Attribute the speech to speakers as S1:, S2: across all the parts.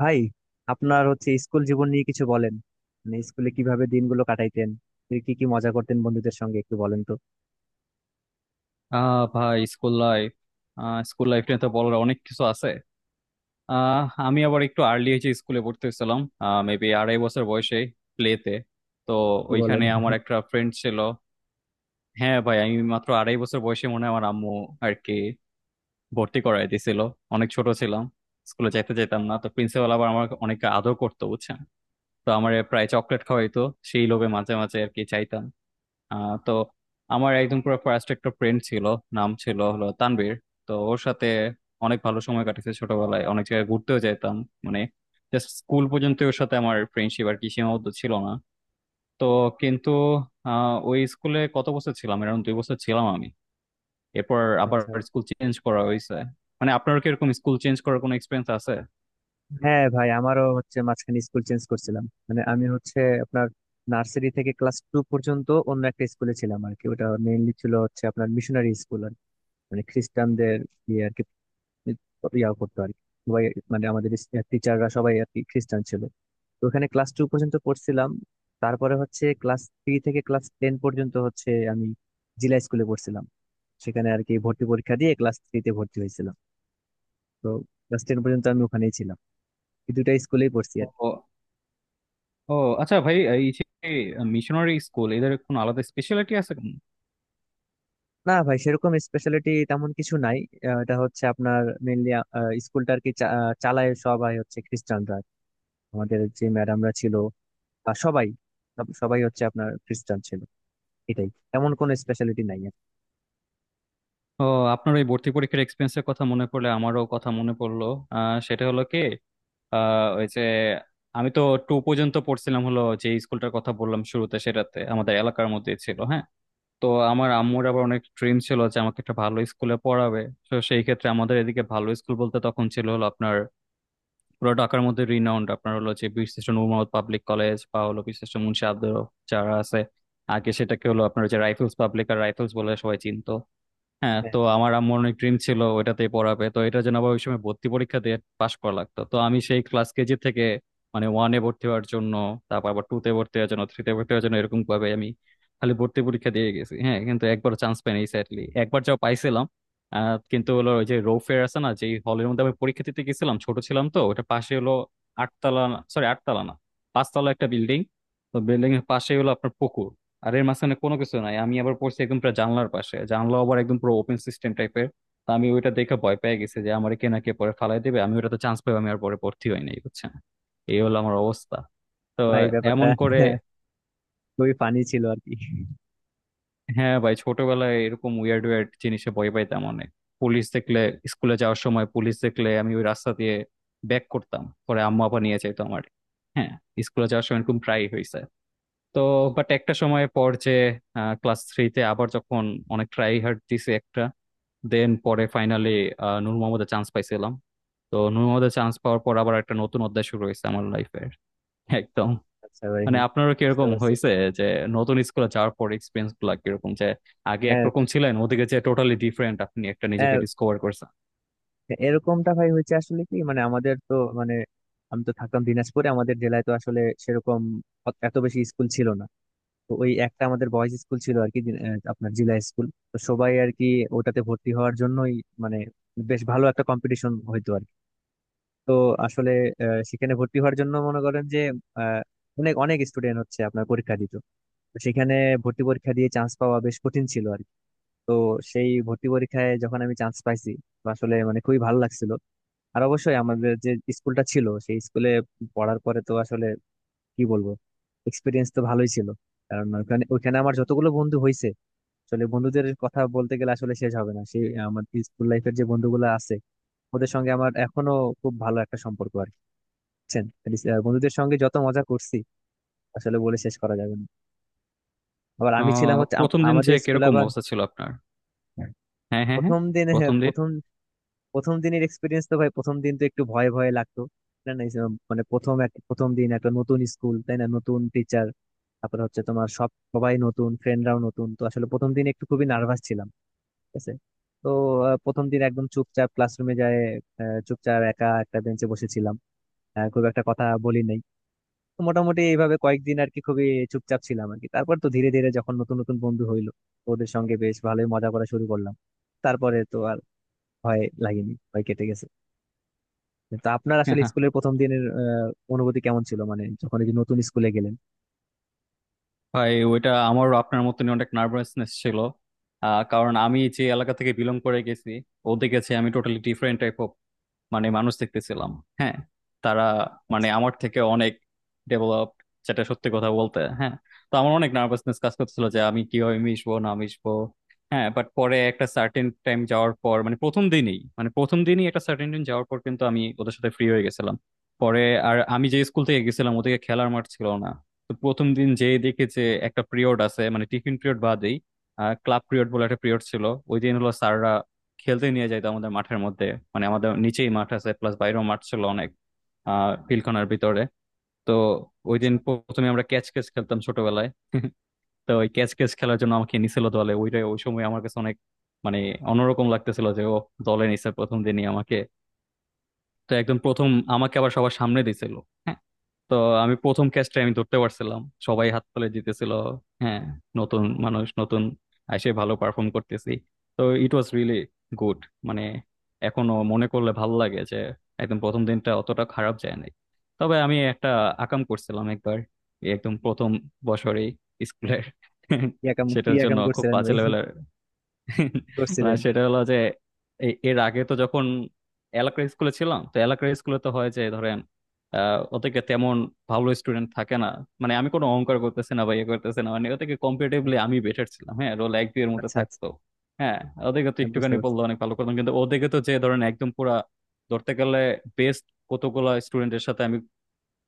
S1: ভাই, আপনার হচ্ছে স্কুল জীবন নিয়ে কিছু বলেন। মানে স্কুলে কিভাবে দিনগুলো কাটাইতেন, কি কি মজা করতেন বন্ধুদের সঙ্গে একটু বলেন তো।
S2: ভাই, স্কুল লাইফ নিয়ে তো বলার অনেক কিছু আছে। আহ আমি আবার একটু আর্লি হয়েছে, স্কুলে ভর্তি হয়েছিলাম মেবি 2.5 বছর বয়সে, প্লেতে। তো
S1: কি বলেন?
S2: ওইখানে আমার একটা ফ্রেন্ড ছিল। হ্যাঁ ভাই, আমি মাত্র 2.5 বছর বয়সে মনে হয় আমার আম্মু আর কি ভর্তি করাই দিয়েছিল। অনেক ছোট ছিলাম, স্কুলে যাইতে যেতাম না, তো প্রিন্সিপাল আবার আমার অনেক আদর করতো, বুঝছেন? তো আমার প্রায় চকলেট খাওয়াইতো, সেই লোভে মাঝে মাঝে আর কি চাইতাম। তো আমার একদম পুরো ফার্স্ট একটা ফ্রেন্ড ছিল, নাম ছিল হলো তানভীর। তো ওর সাথে অনেক ভালো সময় কাটেছে ছোটবেলায়, অনেক জায়গায় ঘুরতেও যেতাম। মানে জাস্ট স্কুল পর্যন্ত ওর সাথে আমার ফ্রেন্ডশিপ আর কি সীমাবদ্ধ ছিল না। তো কিন্তু ওই স্কুলে কত বছর ছিলাম, এরকম 2 বছর ছিলাম আমি। এরপর আবার
S1: আচ্ছা, আচ্ছা।
S2: স্কুল চেঞ্জ করা হয়েছে। মানে আপনার কি এরকম স্কুল চেঞ্জ করার কোনো এক্সপিরিয়েন্স আছে?
S1: হ্যাঁ ভাই, আমারও হচ্ছে মাঝখানে স্কুল চেঞ্জ করছিলাম। মানে আমি হচ্ছে আপনার নার্সারি থেকে ক্লাস টু পর্যন্ত অন্য একটা স্কুলে ছিলাম আর কি। ওটা মেইনলি ছিল হচ্ছে আপনার মিশনারি স্কুল আর কি। মানে খ্রিস্টানদের আর কি, করতো আর কি। সবাই, মানে আমাদের টিচাররা সবাই আর কি খ্রিস্টান ছিল। তো ওখানে ক্লাস টু পর্যন্ত পড়ছিলাম। তারপরে হচ্ছে ক্লাস থ্রি থেকে ক্লাস টেন পর্যন্ত হচ্ছে আমি জিলা স্কুলে পড়ছিলাম। সেখানে আর কি ভর্তি পরীক্ষা দিয়ে ক্লাস থ্রিতে ভর্তি হয়েছিলাম। তো ক্লাস টেন পর্যন্ত আমি ওখানেই ছিলাম। এই দুটা স্কুলেই পড়ছি আর কি।
S2: ও। ও। আচ্ছা ভাই, এই যে মিশনারি স্কুল, এদের কোনো আলাদা স্পেশালিটি আছে?
S1: না ভাই, সেরকম স্পেশালিটি তেমন কিছু নাই। এটা হচ্ছে আপনার মেনলি স্কুলটা আর কি চালায় সবাই হচ্ছে খ্রিস্টানরা। আমাদের যে ম্যাডামরা ছিল বা সবাই, সবাই হচ্ছে আপনার খ্রিস্টান ছিল। এটাই। এমন কোন স্পেশালিটি নাই আর কি।
S2: ও, আপনার ওই ভর্তি পরীক্ষার এক্সপিরিয়েন্সের কথা মনে পড়লে আমারও কথা মনে পড়লো। সেটা হলো কি, ওই যে আমি তো টু পর্যন্ত পড়ছিলাম হলো যে স্কুলটার কথা বললাম শুরুতে, সেটাতে আমাদের এলাকার মধ্যেই ছিল, হ্যাঁ। তো আমার আম্মুর আবার অনেক ড্রিম ছিল যে আমাকে একটা ভালো স্কুলে পড়াবে। তো সেই ক্ষেত্রে আমাদের এদিকে ভালো স্কুল বলতে তখন ছিল হলো আপনার পুরো ঢাকার মধ্যে রিনাউন্ড আপনার হলো যে বীরশ্রেষ্ঠ নূর মোহাম্মদ পাবলিক কলেজ বা হলো বীরশ্রেষ্ঠ মুন্সি আব্দুর রব, যারা আছে আগে সেটাকে হলো আপনার যে রাইফেলস পাবলিক, আর রাইফেলস বলে সবাই চিনতো। হ্যাঁ,
S1: হ্যাঁ
S2: তো আমার আম্মুর অনেক ড্রিম ছিল ওইটাতেই পড়াবে। তো এটার জন্য আবার ওই সময় ভর্তি পরীক্ষা দিয়ে পাশ করা লাগতো। তো আমি সেই ক্লাস কেজি থেকে মানে ওয়ানে ভর্তি হওয়ার জন্য, তারপর আবার টু তে ভর্তি হওয়ার জন্য, থ্রিতে ভর্তি হওয়ার জন্য, এরকম ভাবে আমি খালি ভর্তি পরীক্ষা দিয়ে গেছি, হ্যাঁ, কিন্তু একবার চান্স পাইনি, স্যাডলি। একবার যাও পাইছিলাম, কিন্তু হলো ওই যে রোফের আছে না, যে হলের মধ্যে আমি পরীক্ষা দিতে গেছিলাম, ছোট ছিলাম, তো ওটা পাশে হলো আটতলা, সরি আটতলা না, পাঁচতলা একটা বিল্ডিং। তো বিল্ডিং এর পাশে হলো আপনার পুকুর, আর এর মাঝখানে কোনো কিছু নাই। আমি আবার পড়ছি একদম পুরো জানলার পাশে, জানলা আবার একদম পুরো ওপেন সিস্টেম টাইপের। তা আমি ওইটা দেখে ভয় পেয়ে গেছি যে আমার কে না কে পরে ফালাই দিবে। আমি ওটাতে চান্স পাই, আমি আর পরে ভর্তি হই নাই, বুঝছেন? এই হলো আমার অবস্থা। তো
S1: ভাই, ব্যাপারটা
S2: এমন করে।
S1: খুবই ফানি ছিল আর কি।
S2: হ্যাঁ ভাই, ছোটবেলায় এরকম উইয়ার্ড উইয়ার্ড জিনিসে ভয় পাইতাম অনেক। পুলিশ দেখলে, স্কুলে যাওয়ার সময় পুলিশ দেখলে আমি ওই রাস্তা দিয়ে ব্যাক করতাম, পরে আম্মা আপা নিয়ে যাইতো আমার। হ্যাঁ, স্কুলে যাওয়ার সময় এরকম প্রায়ই হয়েছে। তো বাট একটা সময় পর যে ক্লাস থ্রিতে আবার যখন অনেক ট্রাই হার্ড দিছে একটা, দেন পরে ফাইনালি নূর মোহাম্মদে চান্স পাইছিলাম। তো নূর মোহাম্মদে চান্স পাওয়ার পর আবার একটা নতুন অধ্যায় শুরু হয়েছে আমার লাইফের, একদম।
S1: আচ্ছা ভাই,
S2: মানে আপনারও
S1: বুঝতে
S2: কিরকম
S1: পারছি।
S2: হয়েছে যে নতুন স্কুলে যাওয়ার পর এক্সপিরিয়েন্স গুলা কিরকম, যে আগে
S1: হ্যাঁ,
S2: একরকম ছিলেন, ওদিকে যে টোটালি ডিফারেন্ট, আপনি একটা নিজেকে
S1: হ্যাঁ,
S2: ডিসকভার করছেন।
S1: এরকমটা ভাই হয়েছে। আসলে কি, মানে আমাদের তো, মানে আমি তো থাকতাম দিনাজপুরে। আমাদের জেলায় তো আসলে সেরকম এত বেশি স্কুল ছিল না। তো ওই একটা আমাদের বয়েজ স্কুল ছিল আর কি, আপনার জিলা স্কুল। তো সবাই আর কি ওটাতে ভর্তি হওয়ার জন্যই মানে বেশ ভালো একটা কম্পিটিশন হইতো আর কি। তো আসলে সেখানে ভর্তি হওয়ার জন্য মনে করেন যে আহ, অনেক অনেক স্টুডেন্ট হচ্ছে আপনার পরীক্ষা দিত। তো সেখানে ভর্তি পরীক্ষা দিয়ে চান্স পাওয়া বেশ কঠিন ছিল আর কি। তো সেই ভর্তি পরীক্ষায় যখন আমি চান্স পাইছি, তো আসলে মানে খুবই ভালো লাগছিল। আর অবশ্যই আমাদের যে স্কুলটা ছিল, সেই স্কুলে পড়ার পরে তো আসলে কি বলবো, এক্সপিরিয়েন্স তো ভালোই ছিল। কারণ ওখানে ওখানে আমার যতগুলো বন্ধু হয়েছে, আসলে বন্ধুদের কথা বলতে গেলে আসলে শেষ হবে না। সেই আমার স্কুল লাইফের যে বন্ধুগুলো আছে, ওদের সঙ্গে আমার এখনো খুব ভালো একটা সম্পর্ক আর কি। বুঝছেন? মানে বন্ধুদের সঙ্গে যত মজা করছি, আসলে বলে শেষ করা যাবে না। আবার আমি ছিলাম হচ্ছে
S2: প্রথম দিন যে
S1: আমাদের স্কুলে
S2: কিরকম
S1: আবার
S2: অবস্থা ছিল আপনার? হ্যাঁ হ্যাঁ হ্যাঁ,
S1: প্রথম দিন। হ্যাঁ,
S2: প্রথম দিন।
S1: প্রথম প্রথম দিনের এক্সপিরিয়েন্স তো ভাই, প্রথম দিন তো একটু ভয়ে ভয়ে লাগতো। না না, এসব মানে প্রথম দিন একটা নতুন স্কুল, তাই না, নতুন টিচার, তারপরে হচ্ছে তোমার সবাই নতুন, ফ্রেন্ডরাও নতুন, তো আসলে প্রথম দিন একটু খুবই নার্ভাস ছিলাম। ঠিক আছে। তো প্রথম দিন একদম চুপচাপ ক্লাসরুমে যায়, চুপচাপ একা একটা বেঞ্চে বসেছিলাম, খুব একটা কথা বলি নাই। তো মোটামুটি এইভাবে কয়েকদিন আর কি খুবই চুপচাপ ছিলাম আর কি। তারপর তো ধীরে ধীরে যখন নতুন নতুন বন্ধু হইলো, ওদের সঙ্গে বেশ ভালোই মজা করা শুরু করলাম। তারপরে তো আর ভয় লাগেনি, ভয় কেটে গেছে। তো আপনার আসলে স্কুলের প্রথম দিনের অনুভূতি কেমন ছিল মানে যখন এই যে নতুন স্কুলে গেলেন?
S2: ভাই, ওইটা আমারও আপনার মতনই অনেক নার্ভাসনেস ছিল। কারণ আমি যে এলাকা থেকে বিলং করে গেছি, ও দেখেছি আমি টোটালি ডিফারেন্ট টাইপ মানে মানুষ দেখতেছিলাম। হ্যাঁ, তারা মানে
S1: আচ্ছা,
S2: আমার থেকে অনেক ডেভেলপ, যেটা সত্যি কথা বলতে, হ্যাঁ। তো আমার অনেক নার্ভাসনেস কাজ করছিল যে আমি কিভাবে মিশবো না মিশবো। হ্যাঁ, বাট পরে একটা সার্টেন টাইম যাওয়ার পর, মানে প্রথম দিনই, একটা সার্টেন টাইম যাওয়ার পর কিন্তু আমি ওদের সাথে ফ্রি হয়ে গেছিলাম পরে। আর আমি যে স্কুল থেকে গেছিলাম ওদিকে খেলার মাঠ ছিল না। তো প্রথম দিন যেয়ে দেখে যে একটা পিরিয়ড আছে, মানে টিফিন পিরিয়ড বাদেই ক্লাব পিরিয়ড বলে একটা পিরিয়ড ছিল। ওই দিন হলো স্যাররা খেলতে নিয়ে যাইতো আমাদের মাঠের মধ্যে। মানে আমাদের নিচেই মাঠ আছে, প্লাস বাইরেও মাঠ ছিল অনেক, পিলখানার ভিতরে। তো ওই দিন
S1: আচ্ছা।
S2: প্রথমে আমরা ক্যাচ ক্যাচ খেলতাম ছোটবেলায়। তো ওই ক্যাচ ক্যাচ খেলার জন্য আমাকে নিছিল দলে, ওইটাই ওই সময় আমার কাছে অনেক মানে অন্যরকম লাগতেছিল যে ও দলে নিছে প্রথম দিনই আমাকে। তো একদম প্রথম আমাকে আবার সবার সামনে দিছিল, হ্যাঁ। তো আমি প্রথম ক্যাচটা আমি ধরতে পারছিলাম, সবাই হাত তুলে জিতেছিল, হ্যাঁ। নতুন মানুষ, নতুন এসে ভালো পারফর্ম করতেছি, তো ইট ওয়াজ রিয়েলি গুড। মানে এখনো মনে করলে ভালো লাগে যে একদম প্রথম দিনটা অতটা খারাপ যায় নাই। তবে আমি একটা আকাম করছিলাম একবার, এই একদম প্রথম বছরেই স্কুলের।
S1: কি একাম, কি
S2: সেটার
S1: একাম
S2: জন্য খুব
S1: করছিলেন
S2: বাজে
S1: ভাই, কি
S2: লেভেলের। না,
S1: করছিলেন?
S2: সেটা হলো যে এর আগে তো যখন এলাকার স্কুলে ছিলাম, তো এলাকার স্কুলে তো হয় যে ধরেন ওদেরকে তেমন ভালো স্টুডেন্ট থাকে না। মানে আমি কোনো অহংকার করতেছি না বা ইয়ে করতেছি না, মানে ওদেরকে
S1: হ্যাঁ,
S2: কম্পিটিটিভলি আমি বেটার ছিলাম, হ্যাঁ। রোল এক দুই এর মধ্যে
S1: আচ্ছা, আচ্ছা।
S2: থাকতো, হ্যাঁ। ওদেরকে তো
S1: হ্যাঁ, বুঝতে
S2: একটুখানি
S1: পারছি।
S2: বললো অনেক ভালো করতাম, কিন্তু ওদেরকে তো যে ধরেন একদম পুরা, ধরতে গেলে বেস্ট কতগুলা স্টুডেন্টের সাথে আমি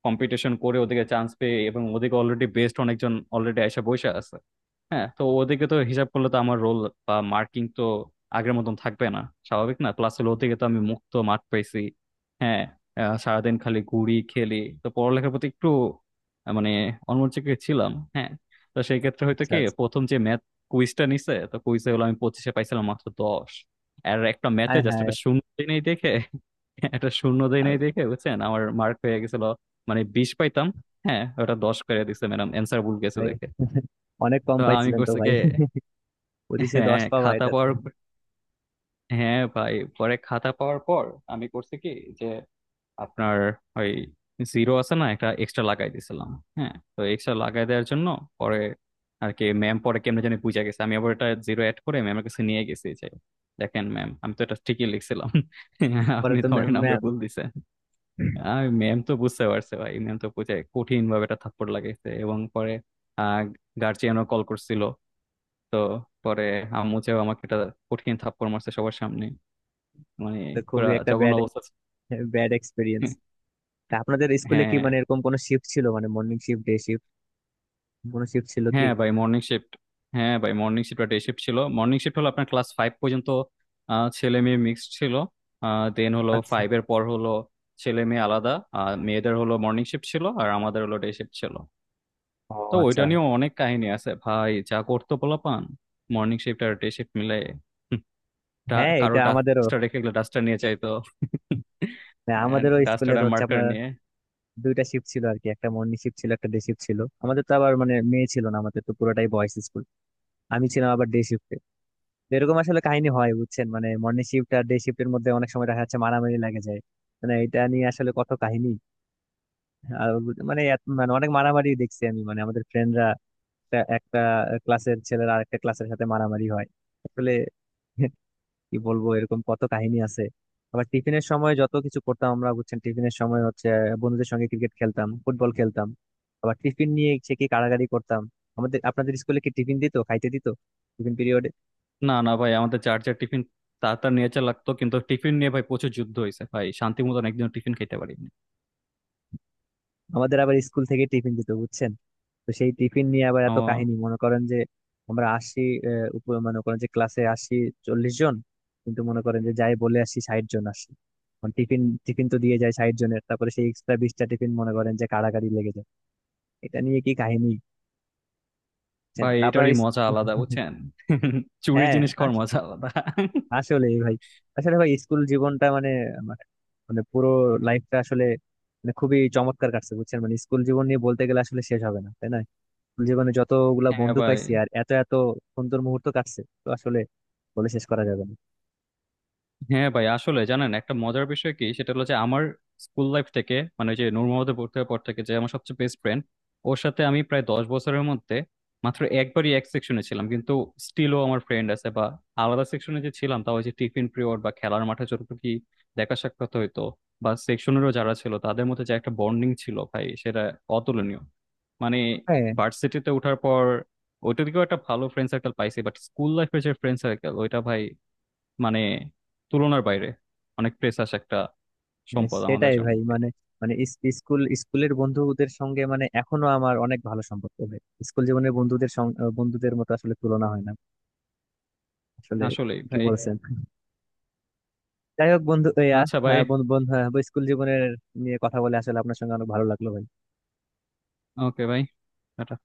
S2: কম্পিটিশন করে ওদেরকে চান্স পেয়ে, এবং ওদেরকে অলরেডি বেস্ট অনেকজন অলরেডি এসে বসে আছে। হ্যাঁ, তো ওদিকে তো হিসাব করলে তো আমার রোল বা মার্কিং তো আগের মতন থাকবে না, স্বাভাবিক না? প্লাস হলো ওদিকে তো আমি মুক্ত মাঠ পাইছি, হ্যাঁ, সারাদিন খালি ঘুরি খেলি। তো পড়ালেখার প্রতি একটু মানে অন্যমনস্ক ছিলাম, হ্যাঁ। তো সেই ক্ষেত্রে হয়তো
S1: আচ্ছা,
S2: কি
S1: আচ্ছা।
S2: প্রথম যে ম্যাথ কুইজটা নিছে, তো কুইজে হলো আমি 25-এ পাইছিলাম মাত্র 10। আর একটা ম্যাথে
S1: হ্যাঁ,
S2: জাস্ট
S1: হ্যাঁ।
S2: একটা শূন্য দেই নাই দেখে একটা শূন্য দেই
S1: আর
S2: নাই দেখে, বুঝছেন, আমার মার্ক হয়ে গেছিল মানে 20 পাইতাম, হ্যাঁ, ওটা 10 করে দিছে ম্যাডাম, অ্যান্সার ভুল গেছে
S1: ভাই,
S2: দেখে।
S1: অনেক কম
S2: তো আমি
S1: পাইছিলেন তো
S2: করছে কি,
S1: ভাই, 25-এ 10
S2: হ্যাঁ,
S1: পাওয়া,
S2: খাতা
S1: এটা।
S2: পাওয়ার পর- হ্যাঁ ভাই, পরে খাতা পাওয়ার পর আমি করছি কি যে আপনার ওই জিরো আছে না, একটা এক্সট্রা লাগাই দিয়েছিলাম। হ্যাঁ, তো এক্সট্রা লাগাই দেওয়ার জন্য পরে আর কি ম্যাম পরে কেমনে জানি বুঝা গেছে। আমি আবার এটা জিরো অ্যাড করে ম্যামের কাছে নিয়ে গেছি যে দেখেন ম্যাম, আমি তো এটা ঠিকই লিখছিলাম,
S1: পরে
S2: আপনি
S1: তো
S2: তো আমার নাম্বার
S1: ম্যাম
S2: ভুল দিছেন। আর ম্যাম তো বুঝতে পারছে ভাই, ম্যাম তো বুঝে কঠিন ভাবে এটা থাপ্পড় লাগাইছে, এবং পরে গার্জিয়ানও কল করছিল। তো পরে আম্মু চাও আমাকে একটা কঠিন থাপ্পড় মারছে সবার সামনে। মানে
S1: তো,
S2: পুরা
S1: খুবই একটা
S2: জঘন্য
S1: ব্যাড,
S2: অবস্থা ছিল।
S1: Bad experience. আপনাদের স্কুলে কি
S2: হ্যাঁ,
S1: মানে এরকম কোনো শিফট ছিল, মানে মর্নিং শিফট, ডে শিফট, কোনো শিফট ছিল কি?
S2: হ্যাঁ ভাই মর্নিং শিফট হ্যাঁ ভাই, মর্নিং শিফট ডে শিফট ছিল। মর্নিং শিফট হলো আপনার ক্লাস ফাইভ পর্যন্ত, ছেলে মেয়ে মিক্সড ছিল। দেন হলো
S1: আচ্ছা।
S2: ফাইভ এর পর হলো ছেলে মেয়ে আলাদা, আর মেয়েদের হলো মর্নিং শিফট ছিল আর আমাদের হলো ডে শিফট ছিল।
S1: ও,
S2: তো
S1: আচ্ছা।
S2: ওইটা নিয়েও অনেক কাহিনী আছে ভাই, যা করতো পোলাপান মর্নিং শিফট আর ডে শিফট মিলে।
S1: হ্যাঁ,
S2: কারো
S1: এটা আমাদেরও।
S2: ডাস্টার রেখে গেলে ডাস্টার নিয়ে চাইতো,
S1: হ্যাঁ, আমাদেরও স্কুলে
S2: ডাস্টার
S1: তো
S2: আর
S1: হচ্ছে
S2: মার্কার
S1: আপনার
S2: নিয়ে।
S1: দুইটা শিফট ছিল আর কি, একটা মর্নিং শিফট ছিল, একটা ডে শিফট ছিল। আমাদের তো আবার মানে মেয়ে ছিল না, আমাদের তো পুরোটাই বয়েজ স্কুল। আমি ছিলাম আবার ডে শিফটে। এরকম আসলে কাহিনী হয় বুঝছেন, মানে মর্নিং শিফট আর ডে শিফটের মধ্যে অনেক সময় দেখা যাচ্ছে মারামারি লাগে যায়। মানে এটা নিয়ে আসলে কত কাহিনী। আর মানে মানে অনেক মারামারি দেখছি আমি, মানে আমাদের ফ্রেন্ডরা একটা ক্লাসের ছেলেরা আরেকটা ক্লাসের সাথে মারামারি হয়। আসলে কি বলবো, এরকম কত কাহিনী আছে। আবার টিফিনের সময় যত কিছু করতাম আমরা বুঝছেন, টিফিনের সময় হচ্ছে বন্ধুদের সঙ্গে ক্রিকেট খেলতাম, ফুটবল খেলতাম, আবার টিফিন নিয়ে সে কি কাড়াকাড়ি করতাম। আমাদের, আপনাদের স্কুলে কি টিফিন দিত, খাইতে দিত টিফিন পিরিয়ডে?
S2: না না ভাই, আমাদের যার যার টিফিন তার তার নিয়ে চা লাগতো, কিন্তু টিফিন নিয়ে ভাই প্রচুর যুদ্ধ হয়েছে ভাই, শান্তি মতন একদিন টিফিন খেতে পারিনি।
S1: আমাদের আবার স্কুল থেকে টিফিন দিত বুঝছেন। তো সেই টিফিন নিয়ে আবার এত
S2: ও
S1: কাহিনী, মনে করেন যে আমরা আসি, মনে করেন যে ক্লাসে আসি 40 জন, কিন্তু মনে করেন যে যাই বলে আসি 60 জন আসি। টিফিন টিফিন তো দিয়ে যায় 60 জনের, তারপরে সেই এক্সট্রা 20টা টিফিন মনে করেন যে কাড়াকাড়ি লেগে যায়। এটা নিয়ে কি কাহিনী লিখছেন,
S2: ভাই,
S1: তা আপনার
S2: এটারই মজা আলাদা, বুঝছেন? চুরি
S1: হ্যাঁ।
S2: জিনিস খাওয়ার
S1: আস-
S2: মজা আলাদা।
S1: আসলে ভাই, আসলে ভাই স্কুল জীবনটা মানে আমার মানে পুরো লাইফটা আসলে মানে খুবই চমৎকার কাটছে বুঝছেন, মানে স্কুল জীবন নিয়ে বলতে গেলে আসলে শেষ হবে না, তাই না? স্কুল জীবনে যতগুলা
S2: হ্যাঁ
S1: বন্ধু
S2: ভাই।
S1: পাইছি আর এত এত সুন্দর মুহূর্ত কাটছে, তো আসলে বলে শেষ করা যাবে না।
S2: আসলে জানেন একটা মজার বিষয় কি, সেটা হলো যে আমার স্কুল লাইফ থেকে, মানে ওই যে নূর মোহাম্মদে ভর্তি হওয়ার পর থেকে, যে আমার সবচেয়ে বেস্ট ফ্রেন্ড, ওর সাথে আমি প্রায় 10 বছরের মধ্যে মাত্র একবারই এক সেকশনে ছিলাম, কিন্তু স্টিলও আমার ফ্রেন্ড আছে। বা আলাদা সেকশনে যে ছিলাম, তাও ওই যে টিফিন পিরিয়ড বা খেলার মাঠে যতটুকু কি দেখা সাক্ষাৎ হইতো, বা সেকশনেরও যারা ছিল তাদের মধ্যে যে একটা বন্ডিং ছিল ভাই, সেটা অতুলনীয়। মানে
S1: হ্যাঁ,
S2: ভার্সিটিতে ওঠার পর ওইটার দিকেও একটা ভালো ফ্রেন্ড সার্কেল পাইছি, বাট স্কুল লাইফের যে ফ্রেন্ড সার্কেল, ওইটা ভাই মানে তুলনার বাইরে, অনেক প্রেসাস একটা
S1: হ্যাঁ,
S2: সম্পদ আমাদের
S1: সেটাই
S2: জন্য
S1: ভাই।
S2: ভাই।
S1: মানে, মানে স্কুল, স্কুলের বন্ধুদের সঙ্গে মানে এখনো আমার অনেক ভালো সম্পর্ক ভাই। স্কুল জীবনের বন্ধুদের সঙ্গে বন্ধুদের মতো আসলে তুলনা হয় না, আসলে
S2: আসলেই
S1: কি
S2: ভাই।
S1: বলছেন। যাই হোক, বন্ধু,
S2: আচ্ছা ভাই।
S1: হ্যাঁ, বন্ধু বন্ধু হ্যাঁ, স্কুল জীবনের নিয়ে কথা বলে আসলে আপনার সঙ্গে অনেক ভালো লাগলো ভাই।
S2: ওকে ভাই, টাটা।